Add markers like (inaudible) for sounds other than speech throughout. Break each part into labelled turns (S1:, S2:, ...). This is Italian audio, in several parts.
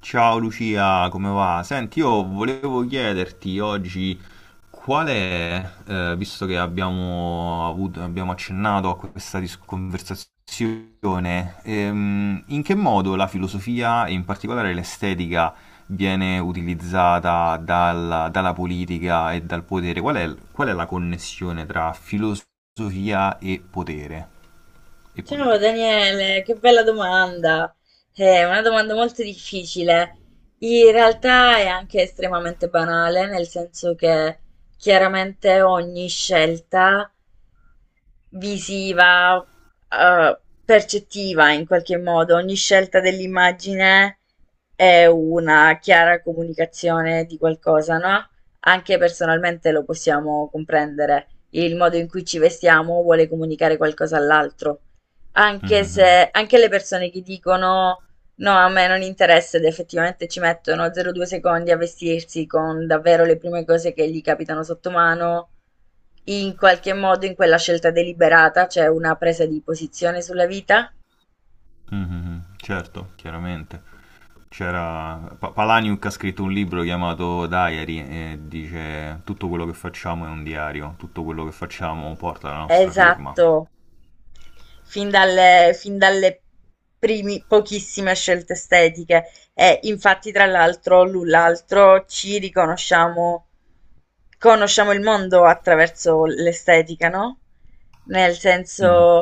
S1: Ciao Lucia, come va? Senti, io volevo chiederti oggi qual è, visto che abbiamo accennato a questa conversazione, in che modo la filosofia e in particolare l'estetica viene utilizzata dalla politica e dal potere? Qual è la connessione tra filosofia e potere e
S2: Ciao
S1: politica?
S2: Daniele, che bella domanda. È una domanda molto difficile. In realtà è anche estremamente banale, nel senso che chiaramente ogni scelta visiva, percettiva in qualche modo. Ogni scelta dell'immagine è una chiara comunicazione di qualcosa, no, anche personalmente lo possiamo comprendere. Il modo in cui ci vestiamo vuole comunicare qualcosa all'altro. Anche
S1: Mhm,
S2: se anche le persone che dicono no, a me non interessa ed effettivamente ci mettono 0,2 secondi a vestirsi con davvero le prime cose che gli capitano sotto mano. In qualche modo in quella scelta deliberata c'è una presa di posizione sulla vita.
S1: mhm, certo, chiaramente. C'era Palaniuk, ha scritto un libro chiamato Diary, e dice tutto quello che facciamo è un diario, tutto quello che facciamo porta la nostra firma.
S2: Esatto. Fin dalle primi pochissime scelte estetiche e infatti tra l'altro l'un l'altro ci riconosciamo, conosciamo il mondo attraverso l'estetica, no, nel senso
S1: Mhm.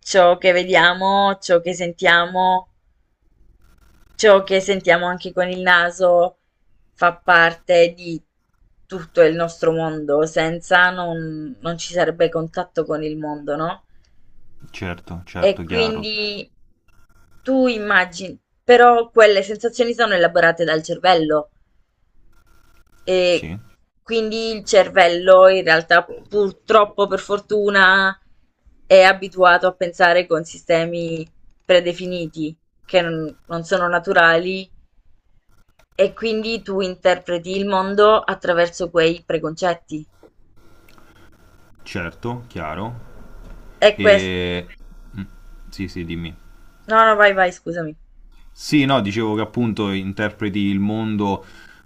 S2: ciò che vediamo, ciò che sentiamo. Ciò che sentiamo anche con il naso fa parte di tutto il nostro mondo, senza non ci sarebbe contatto con il mondo, no,
S1: Certo,
S2: e
S1: certo, chiaro,
S2: quindi tu immagi, però quelle sensazioni sono elaborate dal cervello e
S1: sì,
S2: quindi il cervello in realtà purtroppo, per fortuna, è abituato a pensare con sistemi predefiniti che non sono naturali e quindi tu interpreti il mondo attraverso quei preconcetti.
S1: certo, chiaro.
S2: E questo...
S1: E... mm, Sì, sì, dimmi.
S2: No, no, vai, vai, scusami.
S1: Sì, no, dicevo che appunto interpreti il mondo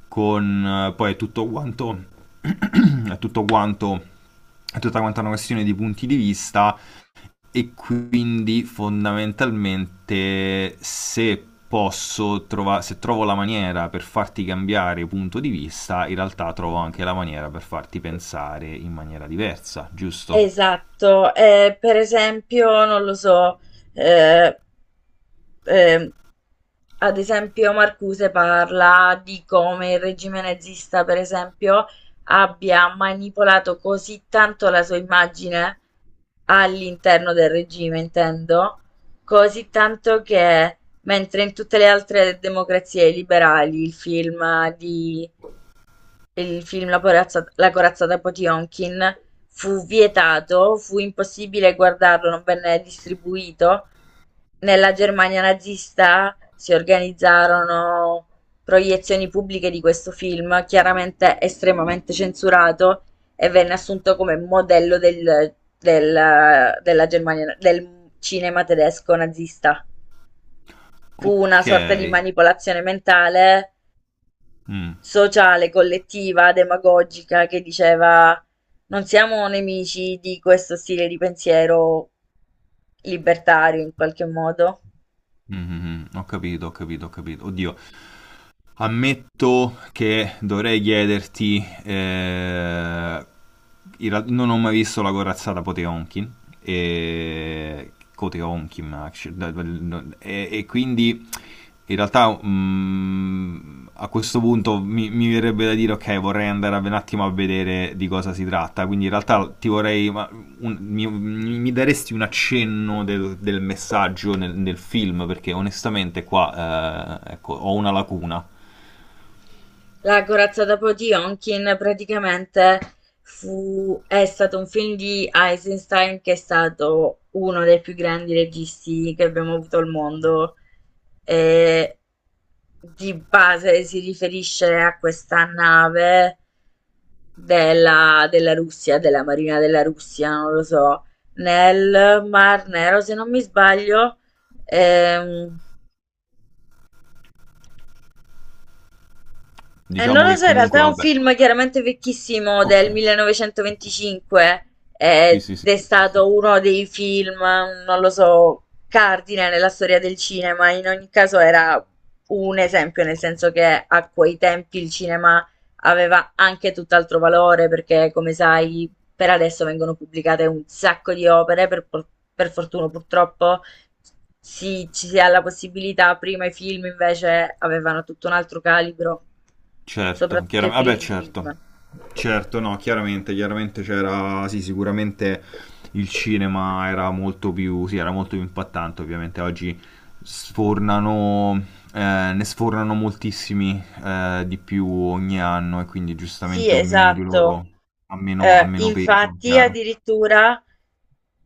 S1: con poi è tutto quanto... (clears throat) è tutto quanto... è tutta quanta una questione di punti di vista. E quindi fondamentalmente se posso trovare, se trovo la maniera per farti cambiare punto di vista, in realtà trovo anche la maniera per farti pensare in maniera diversa, giusto?
S2: Esatto, per esempio, non lo so, ehm, ehm, ad esempio Marcuse parla di come il regime nazista, per esempio, abbia manipolato così tanto la sua immagine all'interno del regime, intendo, così tanto che mentre in tutte le altre democrazie liberali il film la corazzata Potionkin fu vietato, fu impossibile guardarlo, non venne distribuito. Nella Germania nazista si organizzarono proiezioni pubbliche di questo film, chiaramente estremamente censurato, e venne assunto come modello del, della Germania, del cinema tedesco nazista. Fu
S1: Ok.
S2: una sorta di manipolazione mentale
S1: Mm,
S2: sociale, collettiva, demagogica che diceva non siamo nemici di questo stile di pensiero libertario in qualche modo.
S1: mm, mm, mm. Ho capito, ho capito, ho capito. Oddio, ammetto che dovrei chiederti, in realtà non ho mai visto la corazzata Poteonkin, e, Poteonkin e quindi in realtà a questo punto mi verrebbe da dire ok, vorrei andare un attimo a vedere di cosa si tratta, quindi in realtà ti vorrei, ma mi daresti un accenno del messaggio nel film, perché onestamente qua ecco, ho una lacuna.
S2: La corazza da po' di Onkin praticamente fu, è stato un film di Eisenstein che è stato uno dei più grandi registi che abbiamo avuto al mondo e di base si riferisce a questa nave della, della Russia, della Marina della Russia, non lo so, nel Mar Nero se non mi sbaglio. Ehm, non
S1: Diciamo
S2: lo
S1: che
S2: so, in realtà
S1: comunque,
S2: è un
S1: vabbè.
S2: film chiaramente vecchissimo
S1: Ok.
S2: del
S1: Ok.
S2: 1925, eh,
S1: Sì, sì,
S2: ed
S1: sì,
S2: è
S1: sì, sì, sì.
S2: stato uno dei film, non lo so, cardine nella storia del cinema. In ogni caso era un esempio, nel senso che a quei tempi il cinema aveva anche tutt'altro valore perché, come sai, per adesso vengono pubblicate un sacco di opere, per fortuna purtroppo, sì, ci si ha la possibilità, prima i film invece avevano tutto un altro calibro,
S1: Certo,
S2: soprattutto i
S1: chiaramente, vabbè,
S2: primi
S1: certo.
S2: film.
S1: Certo, no, chiaramente, chiaramente c'era, sì, sicuramente il cinema era molto più, sì, era molto più impattante, ovviamente oggi sfornano, ne sfornano moltissimi di più ogni anno e quindi
S2: Sì,
S1: giustamente ognuno di
S2: esatto.
S1: loro ha meno peso,
S2: Infatti,
S1: chiaro.
S2: addirittura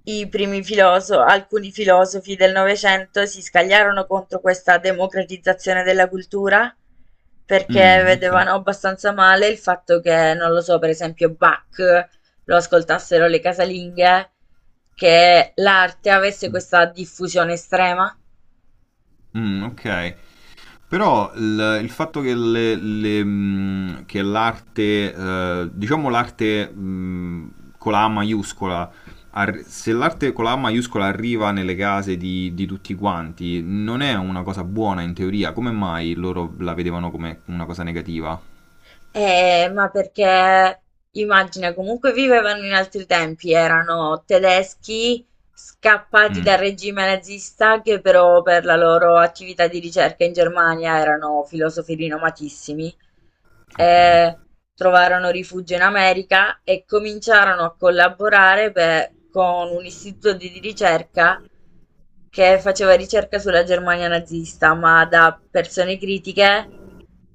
S2: alcuni filosofi del Novecento si scagliarono contro questa democratizzazione della cultura perché
S1: Mm, ok.
S2: vedevano abbastanza male il fatto che, non lo so, per esempio Bach lo ascoltassero le casalinghe, che l'arte avesse questa diffusione estrema.
S1: Mm, ok. Però il fatto che, che l'arte, diciamo l'arte, con la A maiuscola, se l'arte con la A maiuscola arriva nelle case di tutti quanti, non è una cosa buona in teoria. Come mai loro la vedevano come una cosa negativa?
S2: Ma perché immagina, comunque vivevano in altri tempi, erano tedeschi scappati dal
S1: Mm,
S2: regime nazista che però per la loro attività di ricerca in Germania erano filosofi rinomatissimi.
S1: ok.
S2: Eh, trovarono rifugio in America e cominciarono a collaborare con un istituto di ricerca che faceva ricerca sulla Germania nazista, ma da persone critiche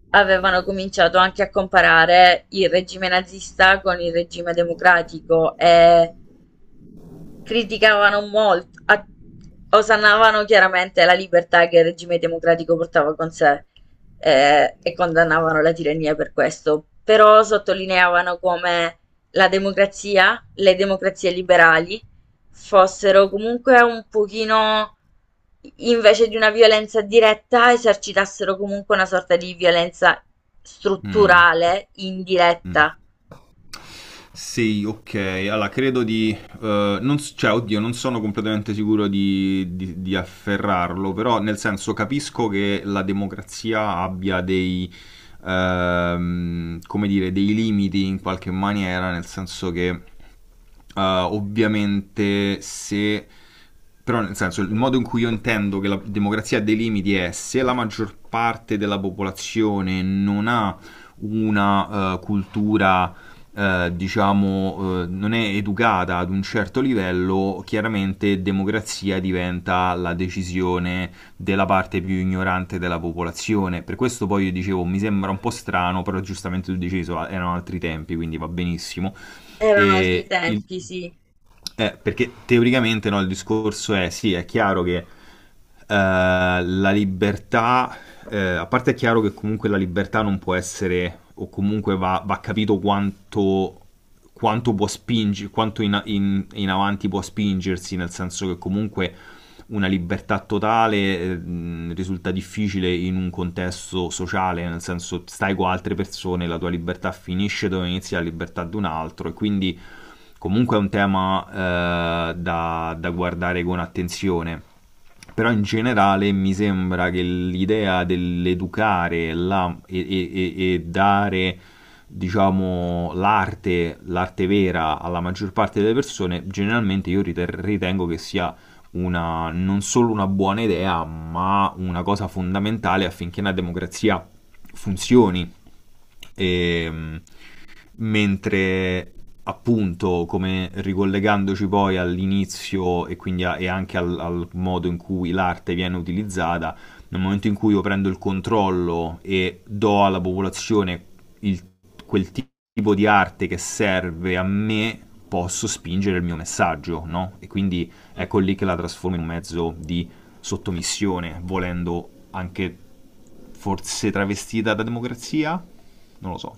S2: avevano cominciato anche a comparare il regime nazista con il regime democratico e criticavano molto, osannavano chiaramente la libertà che il regime democratico portava con sé, e condannavano la tirannia per questo, però sottolineavano come la democrazia, le democrazie liberali, fossero comunque un pochino, invece di una violenza diretta, esercitassero comunque una sorta di violenza
S1: Mm,
S2: strutturale,
S1: mm.
S2: indiretta.
S1: Sì, ok. Allora, credo di... non s- cioè, oddio, non sono completamente sicuro di afferrarlo, però nel senso capisco che la democrazia abbia dei, come dire, dei limiti in qualche maniera, nel senso che uh, ovviamente se... Però nel senso, il modo in cui io intendo che la democrazia ha dei limiti è se la maggior parte della popolazione non ha una cultura, diciamo, non è educata ad un certo livello, chiaramente democrazia diventa la decisione della parte più ignorante della popolazione. Per questo poi io dicevo, mi sembra un po' strano, però giustamente tu dicevi, so, erano altri tempi, quindi va benissimo
S2: Erano altri
S1: e il-
S2: tempi, sì.
S1: perché teoricamente no, il discorso è sì, è chiaro che la libertà, a parte è chiaro che comunque la libertà non può essere, o comunque va, va capito quanto, quanto può spingere, quanto in avanti può spingersi, nel senso che comunque una libertà totale risulta difficile in un contesto sociale, nel senso stai con altre persone, la tua libertà finisce dove inizia la libertà di un altro, e quindi comunque è un tema da guardare con attenzione. Però in generale mi sembra che l'idea dell'educare la- e dare, diciamo, l'arte, l'arte vera alla maggior parte delle persone, generalmente io ritengo che sia una, non solo una buona idea, ma una cosa fondamentale affinché una democrazia funzioni e, mentre appunto, come ricollegandoci poi all'inizio e quindi e anche al modo in cui l'arte viene utilizzata, nel momento in cui io prendo il controllo e do alla popolazione il- quel ti- tipo di arte che serve a me, posso spingere il mio messaggio, no? E quindi ecco
S2: Mhm.
S1: lì che la trasformo in un mezzo di sottomissione, volendo anche forse travestita da democrazia? Non lo so.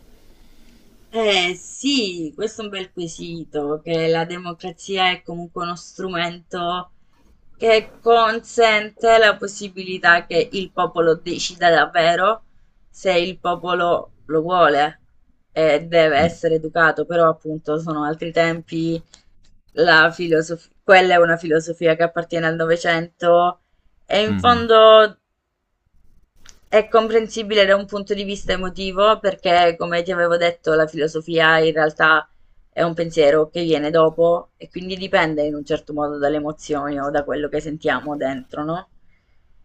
S2: Eh sì, questo è un bel quesito, che la democrazia è comunque uno strumento che consente la possibilità che il popolo decida davvero se il popolo lo vuole e deve
S1: Mm,
S2: essere educato, però appunto sono altri tempi, quella è una filosofia che appartiene al Novecento e in
S1: mhm,
S2: fondo è comprensibile da un punto di vista emotivo perché, come ti avevo detto, la filosofia in realtà è un pensiero che viene dopo e quindi dipende in un certo modo dalle emozioni o da quello che sentiamo dentro, no?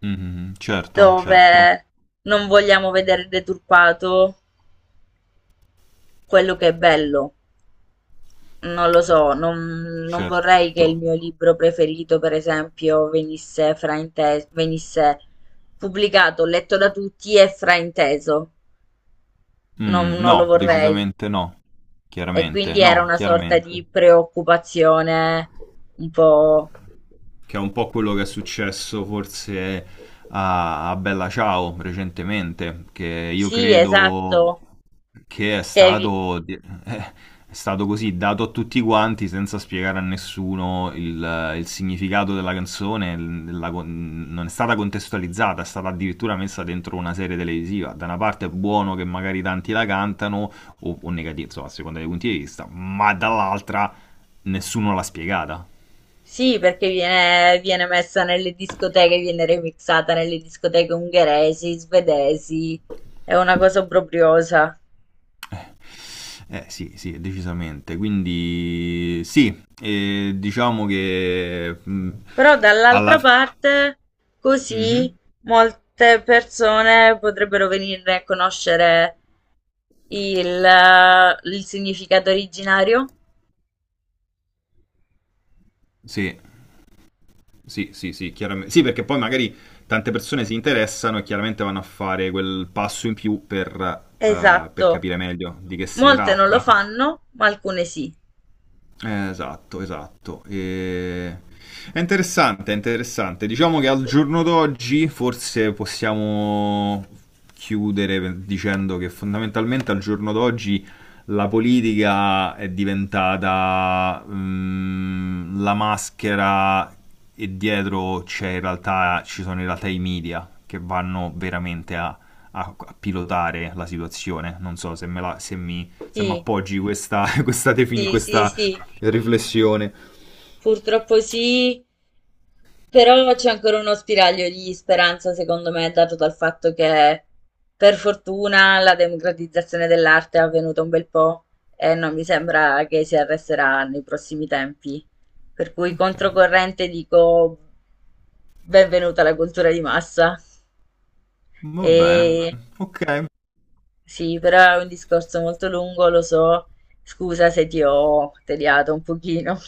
S1: mhm, Certo, certo,
S2: Dove non vogliamo vedere deturpato quello che è bello. Non lo so, non, non vorrei che
S1: certo.
S2: il mio libro preferito, per esempio, venisse frainteso, venisse pubblicato, letto da tutti e frainteso. non
S1: Mm,
S2: non lo
S1: no,
S2: vorrei.
S1: decisamente no.
S2: E
S1: Chiaramente,
S2: quindi era
S1: no,
S2: una sorta
S1: chiaramente.
S2: di preoccupazione un po'...
S1: Che è un po' quello che è successo forse a, a Bella Ciao recentemente, che io
S2: Sì,
S1: credo
S2: esatto.
S1: che
S2: Che vi-
S1: è stato così dato a tutti quanti senza spiegare a nessuno il significato della canzone, non è stata contestualizzata, è stata addirittura messa dentro una serie televisiva. Da una parte è buono che magari tanti la cantano, o negativo, insomma, a seconda dei punti di vista, ma dall'altra nessuno l'ha spiegata.
S2: Sì, perché viene, viene messa nelle discoteche, viene remixata nelle discoteche ungheresi, svedesi. È una cosa obbrobriosa.
S1: Eh sì, sì, decisamente. Quindi sì, diciamo che
S2: Però
S1: alla
S2: dall'altra parte, così
S1: fine...
S2: molte persone potrebbero venirne a conoscere il, il significato originario.
S1: Sì, sì, sì, sì, chiaramente. Sì, perché poi magari tante persone si interessano e chiaramente vanno a fare quel passo in più per
S2: Esatto.
S1: capire meglio di che si
S2: Molte non lo
S1: tratta.
S2: fanno, ma alcune sì.
S1: Esatto, esatto. È interessante, è interessante. Diciamo che al giorno d'oggi forse possiamo chiudere dicendo che fondamentalmente al giorno d'oggi la politica è diventata la maschera, e dietro c'è in realtà, ci sono in realtà i media che vanno veramente a, a pilotare la situazione. Non so se me la- se mi se mi
S2: Sì,
S1: appoggi questa, (laughs) questa
S2: sì, sì,
S1: questa
S2: sì.
S1: riflessione.
S2: Purtroppo sì. Però c'è ancora uno spiraglio di speranza, secondo me, dato dal fatto che per fortuna la democratizzazione dell'arte è avvenuta un bel po' e non mi sembra che si arresterà nei prossimi tempi. Per cui
S1: Ok,
S2: controcorrente dico benvenuta la cultura di massa.
S1: va bene.
S2: E
S1: Ok.
S2: sì, però è un discorso molto lungo, lo so. Scusa se ti ho tediato un pochino. (laughs)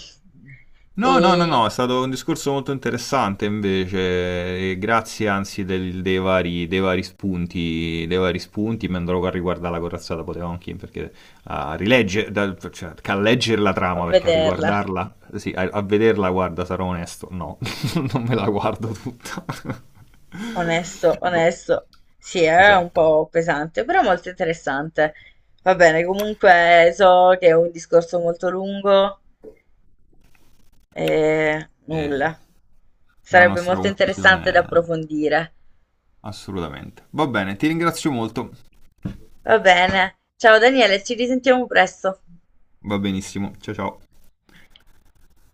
S1: No, no, no, no,
S2: E
S1: è stato un discorso molto interessante invece, e grazie anzi dei vari spunti, mi andrò a riguardare la corazzata Potemkin perché a rileggere, cioè, a leggere la
S2: a
S1: trama, perché a
S2: vederla.
S1: riguardarla, sì, a, a vederla, guarda, sarò onesto, no, (laughs) non me la guardo tutta. (laughs)
S2: Onesto,
S1: Boh.
S2: onesto. Sì, è un
S1: Esatto.
S2: po' pesante, però molto interessante. Va bene, comunque so che è un discorso molto lungo e
S1: E
S2: nulla.
S1: la
S2: Sarebbe
S1: nostra
S2: molto interessante da
S1: conclusione.
S2: approfondire.
S1: Assolutamente. Va bene, ti ringrazio molto.
S2: Va bene. Ciao Daniele, ci risentiamo presto.
S1: Va benissimo. Ciao ciao.